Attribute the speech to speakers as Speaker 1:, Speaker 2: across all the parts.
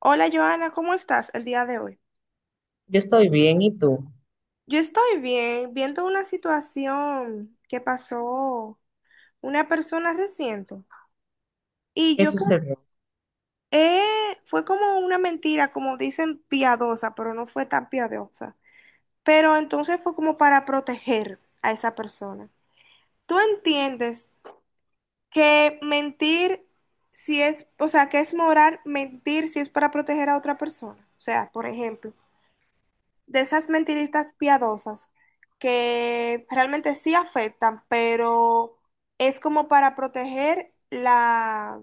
Speaker 1: Hola Joana, ¿cómo estás el día de hoy?
Speaker 2: Yo estoy bien, ¿y tú?
Speaker 1: Yo estoy bien, viendo una situación que pasó una persona reciente. Y
Speaker 2: ¿Qué
Speaker 1: yo creo
Speaker 2: sucedió?
Speaker 1: eh, fue como una mentira, como dicen, piadosa, pero no fue tan piadosa. Pero entonces fue como para proteger a esa persona. ¿Tú entiendes que mentir si es, o sea, que es moral mentir si es para proteger a otra persona? O sea, por ejemplo, de esas mentiritas piadosas que realmente sí afectan, pero es como para proteger la,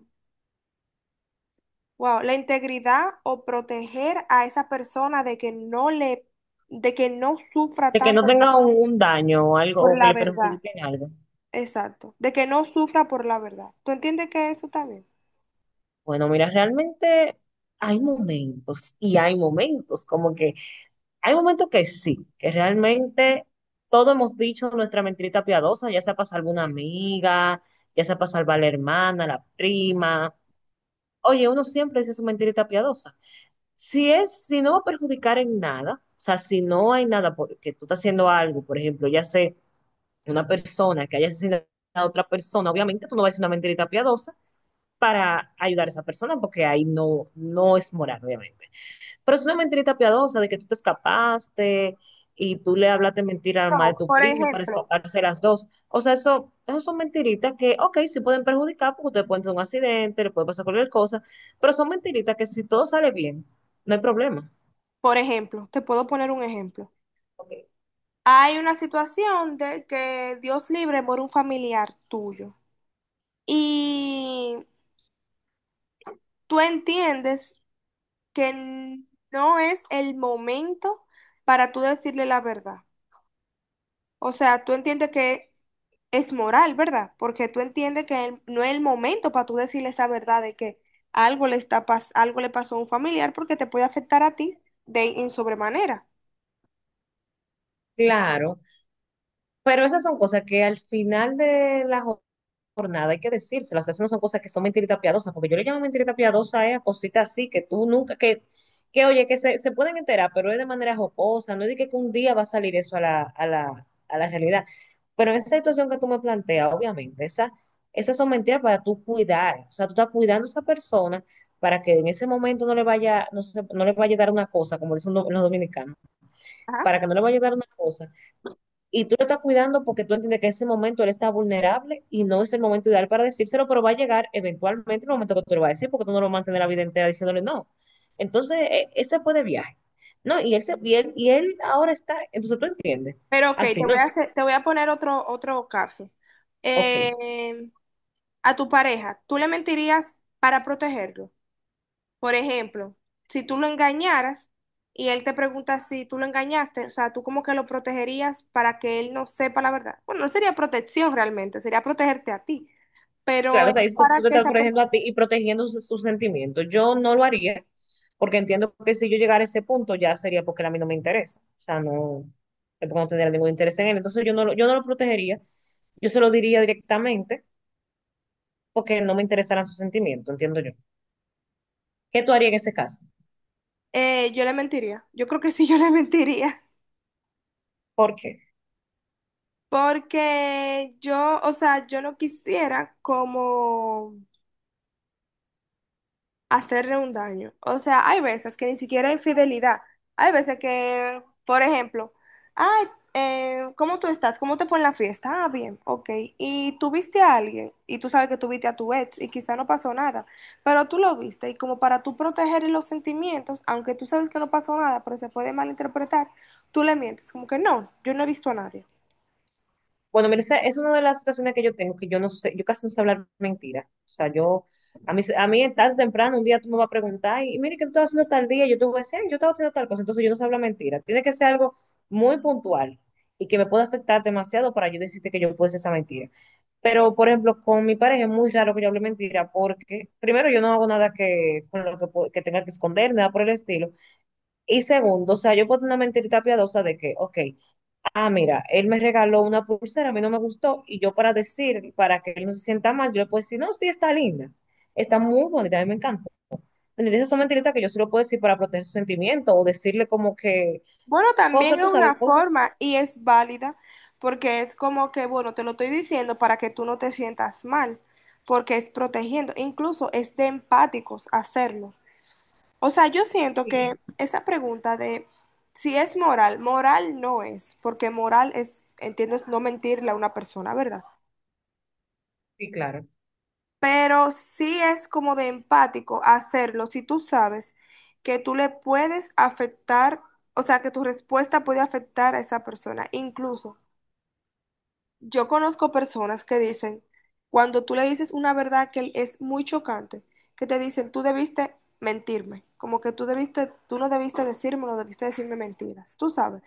Speaker 1: wow, la integridad o proteger a esa persona de que no le, de que no sufra
Speaker 2: De que no
Speaker 1: tanto
Speaker 2: tenga un daño o algo
Speaker 1: por
Speaker 2: o que
Speaker 1: la
Speaker 2: le
Speaker 1: verdad.
Speaker 2: perjudique en algo.
Speaker 1: Exacto, de que no sufra por la verdad. ¿Tú entiendes que eso también?
Speaker 2: Bueno, mira, realmente hay momentos y hay momentos, como que hay momentos que sí, que realmente todos hemos dicho nuestra mentirita piadosa, ya sea para salvar una amiga, ya sea para salvar a la hermana, la prima. Oye, uno siempre dice su mentirita piadosa. Si es, si no va a perjudicar en nada, o sea, si no hay nada porque tú estás haciendo algo, por ejemplo, ya sé una persona que haya asesinado a otra persona, obviamente tú no vas a decir una mentirita piadosa para ayudar a esa persona, porque ahí no es moral, obviamente. Pero es una mentirita piadosa de que tú te escapaste y tú le hablaste mentira al madre
Speaker 1: No,
Speaker 2: de tu
Speaker 1: por
Speaker 2: prima para
Speaker 1: ejemplo.
Speaker 2: escaparse las dos. O sea, eso son mentiritas que, ok, sí pueden perjudicar porque ustedes pueden tener un accidente, le puede pasar cualquier cosa, pero son mentiritas que si todo sale bien, no hay problema.
Speaker 1: Por ejemplo, te puedo poner un ejemplo.
Speaker 2: Ok.
Speaker 1: Hay una situación de que Dios libre muere un familiar tuyo. Y tú entiendes que no es el momento para tú decirle la verdad. O sea, tú entiendes que es moral, ¿verdad? Porque tú entiendes que no es el momento para tú decirle esa verdad de que algo le pasó a un familiar porque te puede afectar a ti de en sobremanera.
Speaker 2: Claro, pero esas son cosas que al final de la por nada, hay que decírselo. O sea, eso no son cosas que son mentiritas piadosas, porque yo le llamo mentirita piadosa a cositas así que tú nunca, que oye, que se pueden enterar, pero es de manera jocosa, no es de que un día va a salir eso a la realidad. Pero en esa situación que tú me planteas, obviamente, esa, esas son mentiras para tú cuidar. O sea, tú estás cuidando a esa persona para que en ese momento no le vaya, no, se- no le vaya a dar una cosa, como dicen los dominicanos,
Speaker 1: Ajá.
Speaker 2: para que no le vaya a dar una cosa y tú lo estás cuidando porque tú entiendes que en ese momento él está vulnerable y no es el momento ideal para decírselo, pero va a llegar eventualmente el momento que tú lo vas a decir porque tú no lo mantienes la vida entera diciéndole no. Entonces, ese fue de viaje. No, y él, se, y él ahora está, entonces tú entiendes.
Speaker 1: Pero ok,
Speaker 2: Así no,
Speaker 1: te voy a poner otro caso.
Speaker 2: ok.
Speaker 1: Eh, a tu pareja, ¿tú le mentirías para protegerlo? Por ejemplo, si tú lo engañaras y él te pregunta si tú lo engañaste, o sea, tú como que lo protegerías para que él no sepa la verdad. Bueno, no sería protección realmente, sería protegerte a ti, pero
Speaker 2: Claro,
Speaker 1: es
Speaker 2: o sea, ahí está- tú
Speaker 1: para
Speaker 2: te
Speaker 1: que
Speaker 2: estás
Speaker 1: esa
Speaker 2: protegiendo a
Speaker 1: persona...
Speaker 2: ti y protegiendo sus sentimientos. Yo no lo haría porque entiendo que si yo llegara a ese punto ya sería porque a mí no me interesa. O sea, no, es porque no tendría ningún interés en él. Entonces yo no lo protegería, yo se lo diría directamente porque no me interesaran sus sentimientos, entiendo yo. ¿Qué tú harías en ese caso?
Speaker 1: yo le mentiría, yo creo que sí, yo le mentiría,
Speaker 2: ¿Por qué?
Speaker 1: porque yo, o sea, yo no quisiera como... hacerle un daño. O sea, hay veces que ni siquiera hay infidelidad. Hay veces que, por ejemplo, ay, ¿cómo tú estás? ¿Cómo te fue en la fiesta? Ah, bien, ok. Y tú viste a alguien y tú sabes que tú viste a tu ex y quizá no pasó nada, pero tú lo viste y como para tú proteger los sentimientos, aunque tú sabes que no pasó nada, pero se puede malinterpretar, tú le mientes, como que no, yo no he visto a nadie.
Speaker 2: Bueno, mira, esa es una de las situaciones que yo tengo, que yo no sé, yo casi no sé hablar mentiras. O sea, yo, a mí tarde o temprano, un día tú me vas a preguntar, y mire, ¿qué tú estabas haciendo tal día? Yo te voy a decir, "Ay, yo estaba haciendo tal cosa", entonces yo no sé hablar mentiras. Tiene que ser algo muy puntual y que me pueda afectar demasiado para yo decirte que yo puedo hacer esa mentira. Pero, por ejemplo, con mi pareja es muy raro que yo hable mentira porque, primero, yo no hago nada que, con lo que, po- que tenga que esconder, nada por el estilo. Y segundo, o sea, yo puedo tener una mentirita piadosa de que, ok, ah, mira, él me regaló una pulsera, a mí no me gustó, y yo para decir, para que él no se sienta mal, yo le puedo decir, no, sí, está linda, está muy bonita, a mí me encanta. Entonces, esas son mentiritas que yo se lo puedo decir para proteger su sentimiento o decirle como que
Speaker 1: Bueno, también
Speaker 2: cosas,
Speaker 1: es
Speaker 2: tú sabes,
Speaker 1: una
Speaker 2: cosas.
Speaker 1: forma y es válida porque es como que, bueno, te lo estoy diciendo para que tú no te sientas mal, porque es protegiendo, incluso es de empáticos hacerlo. O sea, yo siento que
Speaker 2: Sí,
Speaker 1: esa pregunta de si es moral, moral no es, porque moral es, entiendo es no mentirle a una persona, ¿verdad?
Speaker 2: sí, claro.
Speaker 1: Pero sí es como de empático hacerlo si tú sabes que tú le puedes afectar, o sea, que tu respuesta puede afectar a esa persona, incluso. Yo conozco personas que dicen, cuando tú le dices una verdad que es muy chocante, que te dicen, tú debiste mentirme, como que tú debiste, tú no debiste decirme, no debiste decirme mentiras, tú sabes,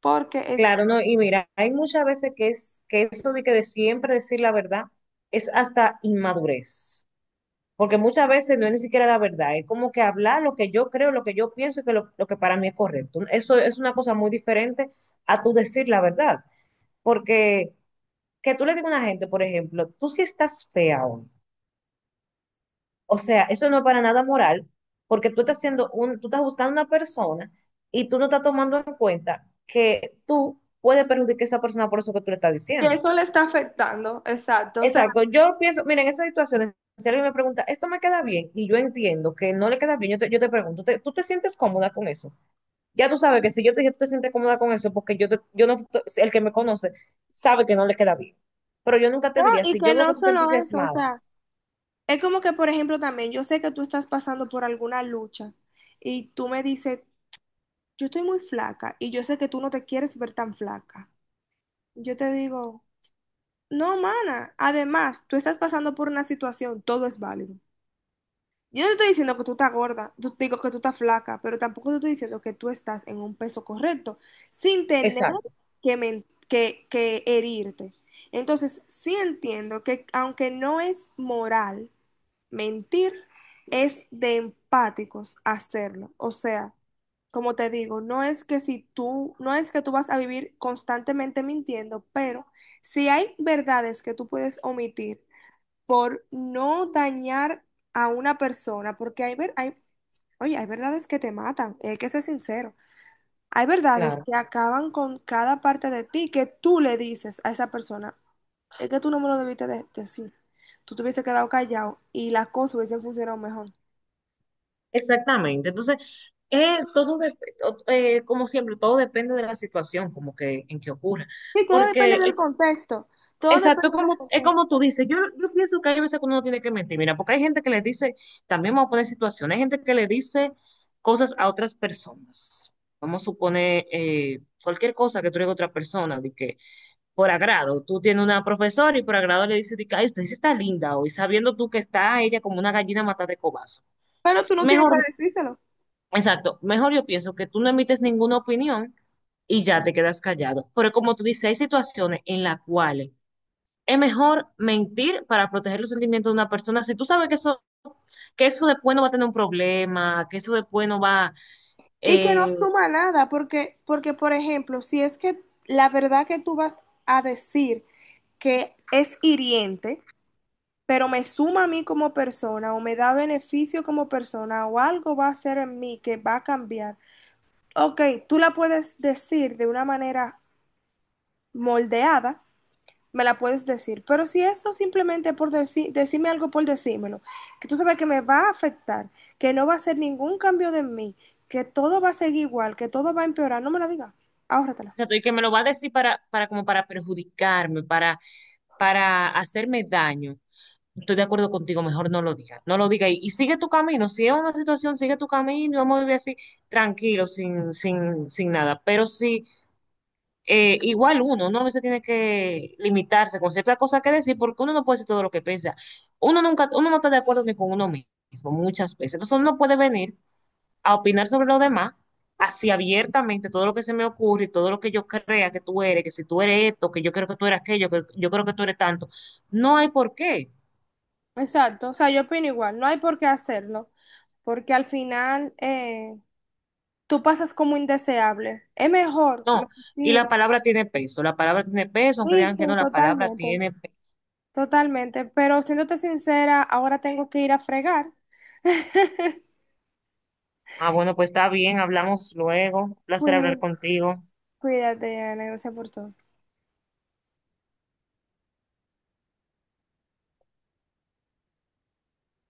Speaker 1: porque es
Speaker 2: Claro, no, y mira, hay muchas veces que es que eso de que de siempre decir la verdad es hasta inmadurez. Porque muchas veces no es ni siquiera la verdad, es como que hablar lo que yo creo, lo que yo pienso y que lo que para mí es correcto. Eso es una cosa muy diferente a tú decir la verdad. Porque que tú le digas a una gente, por ejemplo, tú sí estás fea hoy. O sea, eso no es para nada moral, porque tú estás haciendo un, tú estás buscando una persona y tú no estás tomando en cuenta que tú puedes perjudicar a esa persona por eso que tú le estás
Speaker 1: que
Speaker 2: diciendo.
Speaker 1: eso le está afectando, exacto, o sea,
Speaker 2: Exacto, yo pienso, mira, en esas situaciones, si alguien me pregunta, ¿esto me queda bien? Y yo entiendo que no le queda bien, yo te pregunto, ¿te- ¿tú te sientes cómoda con eso? Ya tú sabes que si yo te dije, tú te sientes cómoda con eso, porque yo, te- yo no, te- si el que me conoce sabe que no le queda bien. Pero yo nunca te
Speaker 1: no,
Speaker 2: diría,
Speaker 1: y
Speaker 2: si
Speaker 1: que
Speaker 2: yo veo que
Speaker 1: no
Speaker 2: tú estás
Speaker 1: solo eso, o
Speaker 2: entusiasmada.
Speaker 1: sea, es como que, por ejemplo, también yo sé que tú estás pasando por alguna lucha y tú me dices, yo estoy muy flaca y yo sé que tú no te quieres ver tan flaca. Yo te digo... no, mana. Además, tú estás pasando por una situación, todo es válido. Yo no te estoy diciendo que tú estás gorda, digo que tú estás flaca, pero tampoco te estoy diciendo que tú estás en un peso correcto, sin tener
Speaker 2: Exacto,
Speaker 1: que, que herirte. Entonces, sí entiendo que aunque no es moral, mentir es de empáticos hacerlo. O sea, como te digo, no es que si tú, no es que tú vas a vivir constantemente mintiendo, pero si hay verdades que tú puedes omitir por no dañar a una persona, porque hay, hay, oye, hay verdades que te matan, y hay que ser sincero. Hay verdades
Speaker 2: claro.
Speaker 1: que acaban con cada parte de ti que tú le dices a esa persona, es que tú no me lo decir. Tú te hubiese quedado callado y las cosas hubiesen funcionado mejor.
Speaker 2: Exactamente. Entonces, eh, todo dep- como siempre, todo depende de la situación, como que en que ocurra.
Speaker 1: Y todo depende
Speaker 2: Porque
Speaker 1: del contexto. Todo
Speaker 2: exacto,
Speaker 1: depende del
Speaker 2: como, es
Speaker 1: contexto.
Speaker 2: como tú dices, yo pienso que hay veces que uno no tiene que mentir, mira, porque hay gente que le dice, también vamos a poner situaciones, hay gente que le dice cosas a otras personas. Vamos a suponer cualquier cosa que tú le digas a otra persona, de que por agrado, tú tienes una profesora y por agrado le dices, de que, ay, usted sí está linda hoy, sabiendo tú que está ella como una gallina matada de cobazo.
Speaker 1: Pero tú no tienes
Speaker 2: Mejor,
Speaker 1: que decírselo.
Speaker 2: exacto, mejor yo pienso que tú no emites ninguna opinión y ya te quedas callado. Pero como tú dices, hay situaciones en las cuales es mejor mentir para proteger los sentimientos de una persona. Si tú sabes que eso después no va a tener un problema, que eso después no va,
Speaker 1: Y que no
Speaker 2: o
Speaker 1: suma nada, porque, porque, por ejemplo, si es que la verdad que tú vas a decir que es hiriente, pero me suma a mí como persona o me da beneficio como persona o algo va a hacer en mí que va a cambiar. Ok, tú la puedes decir de una manera moldeada, me la puedes decir. Pero si eso simplemente por decirme algo por decírmelo, que tú sabes que me va a afectar, que no va a ser ningún cambio de mí, que todo va a seguir igual, que todo va a empeorar, no me la digas. Ahórratela.
Speaker 2: sea, y que me lo va a decir para como para perjudicarme, para hacerme daño. Estoy de acuerdo contigo, mejor no lo digas, no lo digas y sigue tu camino. Si es una situación, sigue tu camino y vamos a vivir así tranquilo, sin nada. Pero si igual uno, uno a veces tiene que limitarse con ciertas cosas que decir porque uno no puede decir todo lo que piensa. Uno nunca, uno no está de acuerdo ni con uno mismo muchas veces. Entonces uno no puede venir a opinar sobre los demás así abiertamente todo lo que se me ocurre, y todo lo que yo crea que tú eres, que si tú eres esto, que yo creo que tú eres aquello, que yo creo que tú eres tanto. No hay por qué.
Speaker 1: Exacto, o sea, yo opino igual, no hay por qué hacerlo, porque al final tú pasas como indeseable. Es mejor
Speaker 2: No, y
Speaker 1: mentir.
Speaker 2: la palabra tiene peso, la palabra tiene peso, aunque
Speaker 1: Sí,
Speaker 2: digan que
Speaker 1: sí,
Speaker 2: no, la palabra
Speaker 1: totalmente,
Speaker 2: tiene peso.
Speaker 1: totalmente, pero siéndote sincera, ahora tengo que ir a fregar.
Speaker 2: Ah, bueno, pues está bien, hablamos luego. Un placer hablar
Speaker 1: Cuí-
Speaker 2: contigo.
Speaker 1: Cuídate, Ana, gracias por todo.